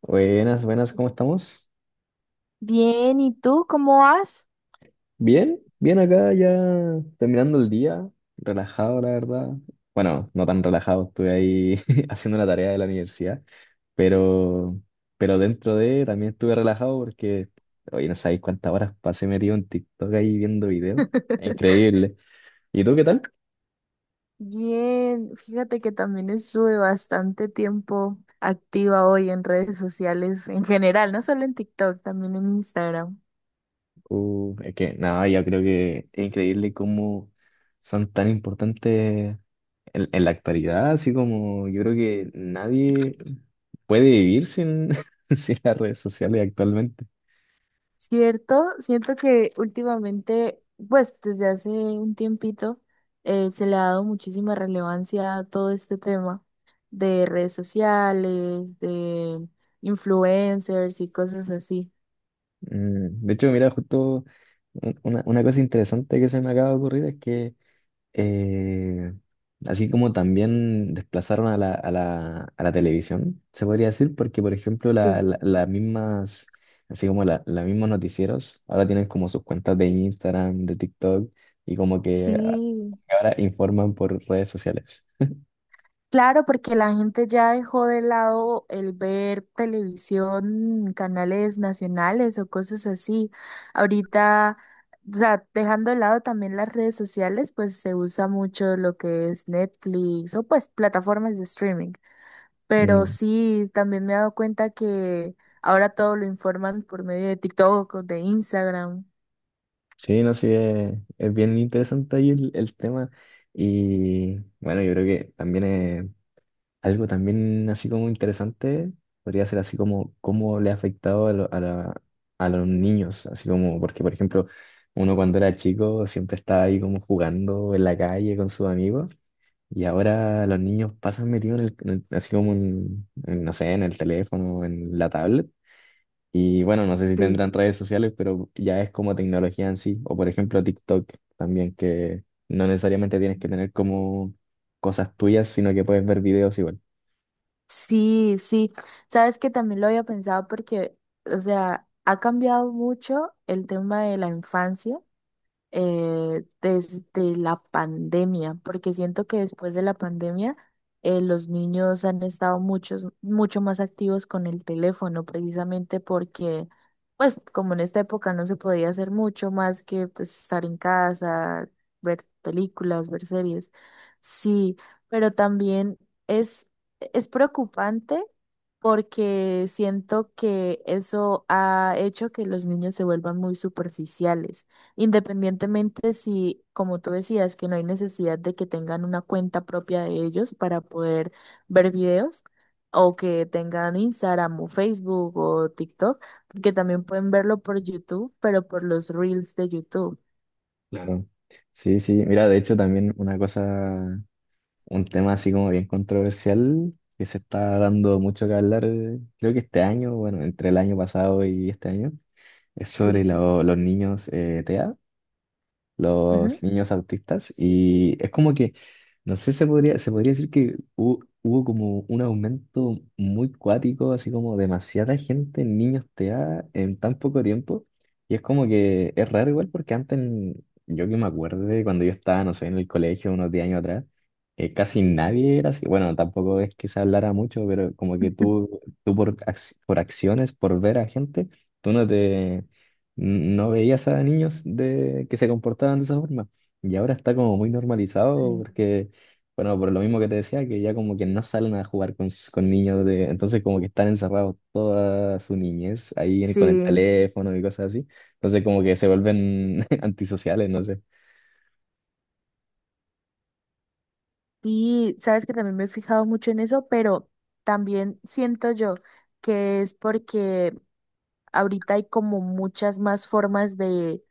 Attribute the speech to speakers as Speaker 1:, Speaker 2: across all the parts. Speaker 1: Buenas, buenas, ¿cómo estamos?
Speaker 2: Bien, ¿y tú cómo vas?
Speaker 1: Bien, bien acá ya terminando el día, relajado la verdad. Bueno, no tan relajado, estuve ahí haciendo la tarea de la universidad, pero, pero dentro de también estuve relajado porque, oye, no sabéis cuántas horas pasé metido en TikTok ahí viendo videos. Es increíble. ¿Y tú qué tal?
Speaker 2: Bien, fíjate que también estuve bastante tiempo activa hoy en redes sociales en general, no solo en TikTok, también en Instagram.
Speaker 1: Es que nada, yo creo que es increíble cómo son tan importantes en la actualidad, así como yo creo que nadie puede vivir sin, sin las redes sociales actualmente.
Speaker 2: Cierto, siento que últimamente, pues desde hace un tiempito, se le ha dado muchísima relevancia a todo este tema de redes sociales, de influencers y cosas así.
Speaker 1: De hecho, mira, justo una cosa interesante que se me acaba de ocurrir es que eh, así como también desplazaron a la televisión, se podría decir, porque por ejemplo la-
Speaker 2: Sí,
Speaker 1: la- las mismas, así como los mismos noticieros, ahora tienen como sus cuentas de Instagram, de TikTok, y como que
Speaker 2: sí.
Speaker 1: ahora informan por redes sociales.
Speaker 2: Claro, porque la gente ya dejó de lado el ver televisión, canales nacionales o cosas así. Ahorita, o sea, dejando de lado también las redes sociales, pues se usa mucho lo que es Netflix o pues plataformas de streaming. Pero
Speaker 1: Mm,
Speaker 2: sí, también me he dado cuenta que ahora todo lo informan por medio de TikTok o de Instagram.
Speaker 1: sí, no sé, es bien interesante ahí el tema. Y bueno, yo creo que también es algo también así como interesante, podría ser así como cómo le ha afectado a, lo- a, la- a los niños, así como, porque por ejemplo, uno cuando era chico siempre estaba ahí como jugando en la calle con sus amigos y ahora los niños pasan metidos así como en, no sé, en el teléfono, en la tablet. Y bueno, no sé si
Speaker 2: Sí.
Speaker 1: tendrán redes sociales, pero ya es como tecnología en sí. O por ejemplo TikTok también, que no necesariamente tienes que tener como cosas tuyas, sino que puedes ver videos igual.
Speaker 2: Sí, sí. Sabes que también lo había pensado porque, o sea, ha cambiado mucho el tema de la infancia desde la pandemia, porque siento que después de la pandemia los niños han estado mucho más activos con el teléfono, precisamente porque, pues, como en esta época no se podía hacer mucho más que pues, estar en casa, ver películas, ver series. Sí, pero también es, es preocupante porque siento que eso ha hecho que los niños se vuelvan muy superficiales. Independientemente si, como tú decías, que no hay necesidad de que tengan una cuenta propia de ellos para poder ver videos o que tengan Instagram o Facebook o TikTok, porque también pueden verlo por YouTube, pero por los reels de YouTube.
Speaker 1: Claro. ¿No? Sí, sí. Mira, de hecho también una cosa, un tema así como bien controversial, que se está dando mucho que hablar, creo que este año, bueno, entre el año pasado y este año, es sobre
Speaker 2: Sí.
Speaker 1: los niños TEA. Los
Speaker 2: Ujú.
Speaker 1: niños autistas y es como que, no sé, se podría decir que hubo, como un aumento muy cuático, así como demasiada gente niños TEA en tan poco tiempo y es como que es raro igual porque antes, yo que me acuerdo de cuando yo estaba, no sé, en el colegio unos 10 años atrás, casi nadie era así, bueno, tampoco es que se hablara mucho, pero como que tú por acciones, por ver a gente, tú no te... No veías a niños de, que se comportaban de esa forma. Y ahora está como muy normalizado
Speaker 2: Sí.
Speaker 1: porque, bueno, por lo mismo que te decía, que ya como que no salen a jugar con niños de. Entonces como que están encerrados toda su niñez ahí con el
Speaker 2: Sí.
Speaker 1: teléfono y cosas así. Entonces como que se vuelven antisociales, no sé.
Speaker 2: Y sabes que también me he fijado mucho en eso, pero también siento yo que es porque ahorita hay como muchas más formas de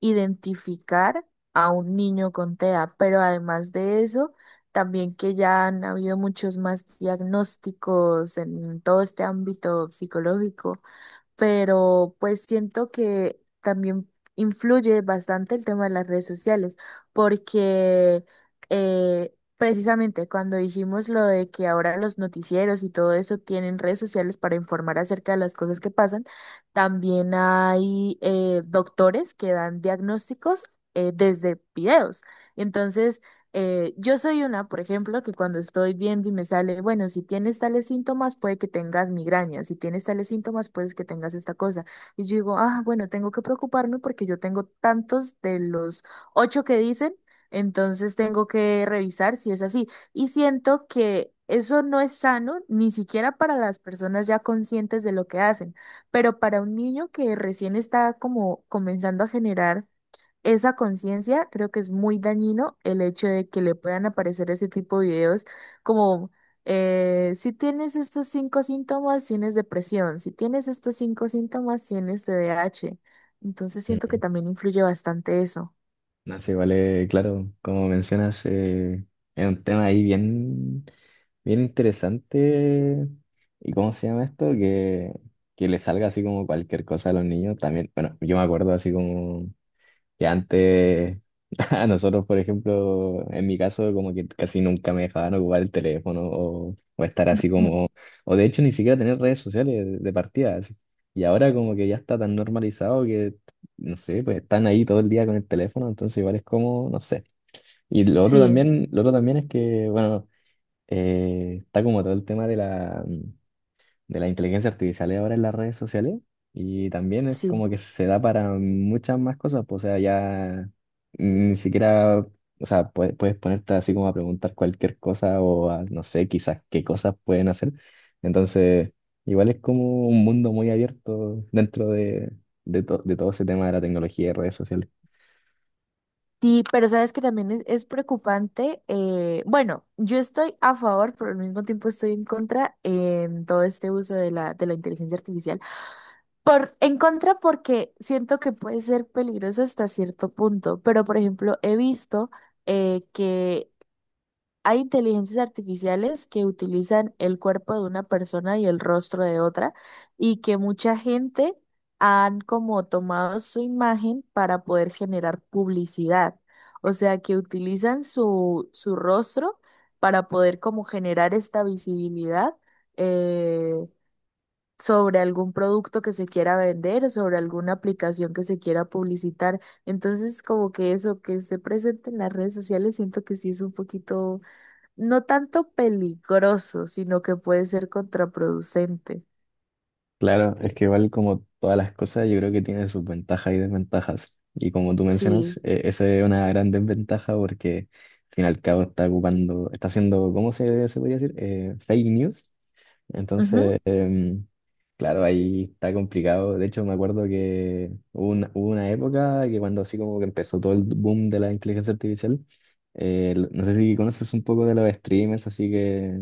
Speaker 2: identificar a un niño con TEA, pero además de eso, también que ya han habido muchos más diagnósticos en todo este ámbito psicológico, pero pues siento que también influye bastante el tema de las redes sociales, porque precisamente cuando dijimos lo de que ahora los noticieros y todo eso tienen redes sociales para informar acerca de las cosas que pasan, también hay doctores que dan diagnósticos desde videos. Entonces, yo soy una, por ejemplo, que cuando estoy viendo y me sale, bueno, si tienes tales síntomas, puede que tengas migraña, si tienes tales síntomas, puedes que tengas esta cosa. Y yo digo, ah, bueno, tengo que preocuparme porque yo tengo tantos de los ocho que dicen, entonces tengo que revisar si es así. Y siento que eso no es sano, ni siquiera para las personas ya conscientes de lo que hacen, pero para un niño que recién está como comenzando a generar esa conciencia, creo que es muy dañino el hecho de que le puedan aparecer ese tipo de videos como si tienes estos cinco síntomas, tienes depresión, si tienes estos cinco síntomas, tienes TDAH. Entonces siento que también influye bastante eso.
Speaker 1: No sé, vale, claro, como mencionas, es un tema ahí bien, bien interesante. ¿Y cómo se llama esto? Que le salga así como cualquier cosa a los niños también. Bueno, yo me acuerdo así como que antes, a nosotros, por ejemplo, en mi caso, como que casi nunca me dejaban ocupar el teléfono o estar así
Speaker 2: Mm.
Speaker 1: como, o de hecho ni siquiera tener redes sociales de partida, así. Y ahora como que ya está tan normalizado que, no sé, pues están ahí todo el día con el teléfono, entonces igual es como, no sé. Y
Speaker 2: Sí,
Speaker 1: lo otro también es que, bueno, está como todo el tema de la inteligencia artificial ahora en las redes sociales y también es
Speaker 2: sí.
Speaker 1: como que se da para muchas más cosas, pues, o sea, ya ni siquiera, o sea, puedes ponerte así como a preguntar cualquier cosa o a, no sé, quizás qué cosas pueden hacer. Entonces, igual es como un mundo muy abierto dentro de todo ese tema de la tecnología y redes sociales.
Speaker 2: Sí, pero sabes que también es preocupante. Bueno, yo estoy a favor, pero al mismo tiempo estoy en contra en todo este uso de de la inteligencia artificial. Por, en contra porque siento que puede ser peligroso hasta cierto punto, pero por ejemplo he visto que hay inteligencias artificiales que utilizan el cuerpo de una persona y el rostro de otra, y que mucha gente han como tomado su imagen para poder generar publicidad. O sea, que utilizan su rostro para poder como generar esta visibilidad. eh, Sobre algún producto que se quiera vender, sobre alguna aplicación que se quiera publicitar. Entonces, como que eso que esté presente en las redes sociales, siento que sí es un poquito, no tanto peligroso, sino que puede ser contraproducente.
Speaker 1: Claro, es que igual como todas las cosas, yo creo que tiene sus ventajas y desventajas. Y como tú mencionas,
Speaker 2: Sí.
Speaker 1: esa es una gran desventaja porque al fin y al cabo está ocupando, está haciendo, ¿cómo se podría decir? Fake news.
Speaker 2: Ujú,
Speaker 1: Entonces, claro, ahí está complicado. De hecho, me acuerdo que hubo una época que cuando así como que empezó todo el boom de la inteligencia artificial, no sé si conoces un poco de los streamers, así que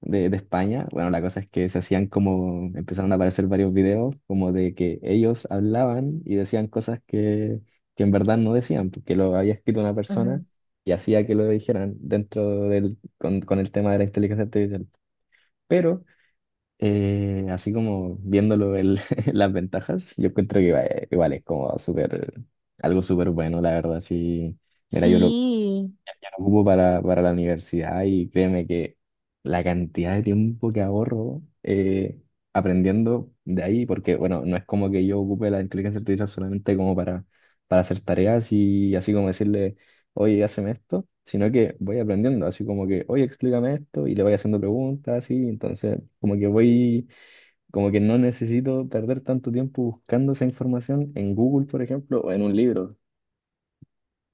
Speaker 1: de España. Bueno, la cosa es que se hacían como, empezaron a aparecer varios videos como de que ellos hablaban y decían cosas que en verdad no decían, porque lo había escrito una persona
Speaker 2: ujú.
Speaker 1: y hacía que lo dijeran dentro con el tema de la inteligencia artificial. Pero así como viéndolo las ventajas, yo encuentro que igual es como súper, algo súper bueno, la verdad, sí. Mira, yo lo
Speaker 2: Sí.
Speaker 1: ocupo para la universidad y créeme que la cantidad de tiempo que ahorro aprendiendo de ahí, porque bueno, no es como que yo ocupe la inteligencia artificial solamente como para hacer tareas y así como decirle, oye, hazme esto, sino que voy aprendiendo, así como que, oye, explícame esto y le voy haciendo preguntas, así, entonces como que voy, como que no necesito perder tanto tiempo buscando esa información en Google, por ejemplo, o en un libro.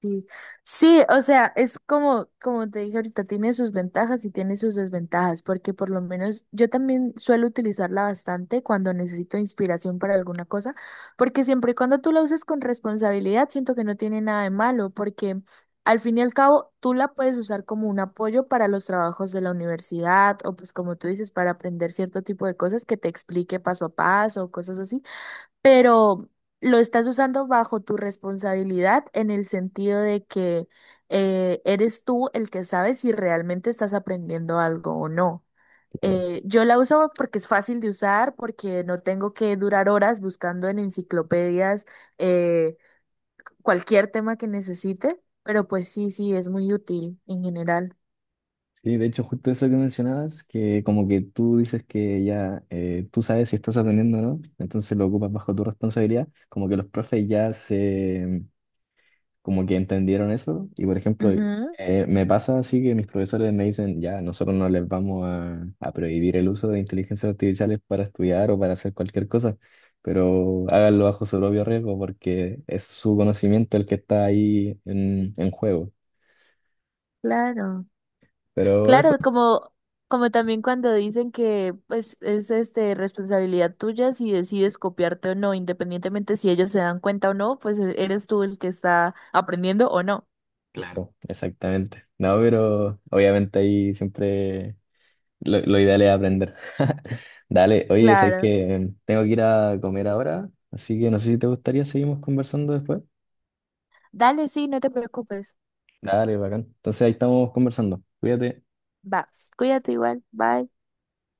Speaker 2: Sí, sí, o sea, es como, como te dije ahorita, tiene sus ventajas y tiene sus desventajas, porque por lo menos yo también suelo utilizarla bastante cuando necesito inspiración para alguna cosa, porque siempre y cuando tú la uses con responsabilidad, siento que no tiene nada de malo, porque al fin y al cabo tú la puedes usar como un apoyo para los trabajos de la universidad o pues como tú dices, para aprender cierto tipo de cosas que te explique paso a paso, cosas así, pero lo estás usando bajo tu responsabilidad en el sentido de que eres tú el que sabe si realmente estás aprendiendo algo o no. Yo la uso porque es fácil de usar, porque no tengo que durar horas buscando en enciclopedias eh, cualquier tema que necesite, pero pues sí, sí, es muy útil en general.
Speaker 1: Sí, de hecho, justo eso que mencionabas, que como que tú dices que ya tú sabes si estás aprendiendo o no, entonces lo ocupas bajo tu responsabilidad, como que los profes ya se, como que entendieron eso, y por ejemplo,
Speaker 2: Ujú,
Speaker 1: me pasa así que mis profesores me dicen, ya, nosotros no les vamos a prohibir el uso de inteligencias artificiales para estudiar o para hacer cualquier cosa, pero háganlo bajo su propio riesgo porque es su conocimiento el que está ahí en juego.
Speaker 2: claro.
Speaker 1: Pero eso.
Speaker 2: Claro, como, como también cuando dicen que pues es este responsabilidad tuya si decides copiarte o no, independientemente si ellos se dan cuenta o no, pues eres tú el que está aprendiendo o no.
Speaker 1: Claro, exactamente. No, pero obviamente ahí siempre lo ideal es aprender. Dale, oye, sabes
Speaker 2: Claro.
Speaker 1: que tengo que ir a comer ahora, así que no sé si te gustaría seguimos conversando después.
Speaker 2: Dale, sí, no te preocupes.
Speaker 1: Dale, bacán. Entonces ahí estamos conversando. Cuídate.
Speaker 2: Va, cuídate igual, bye.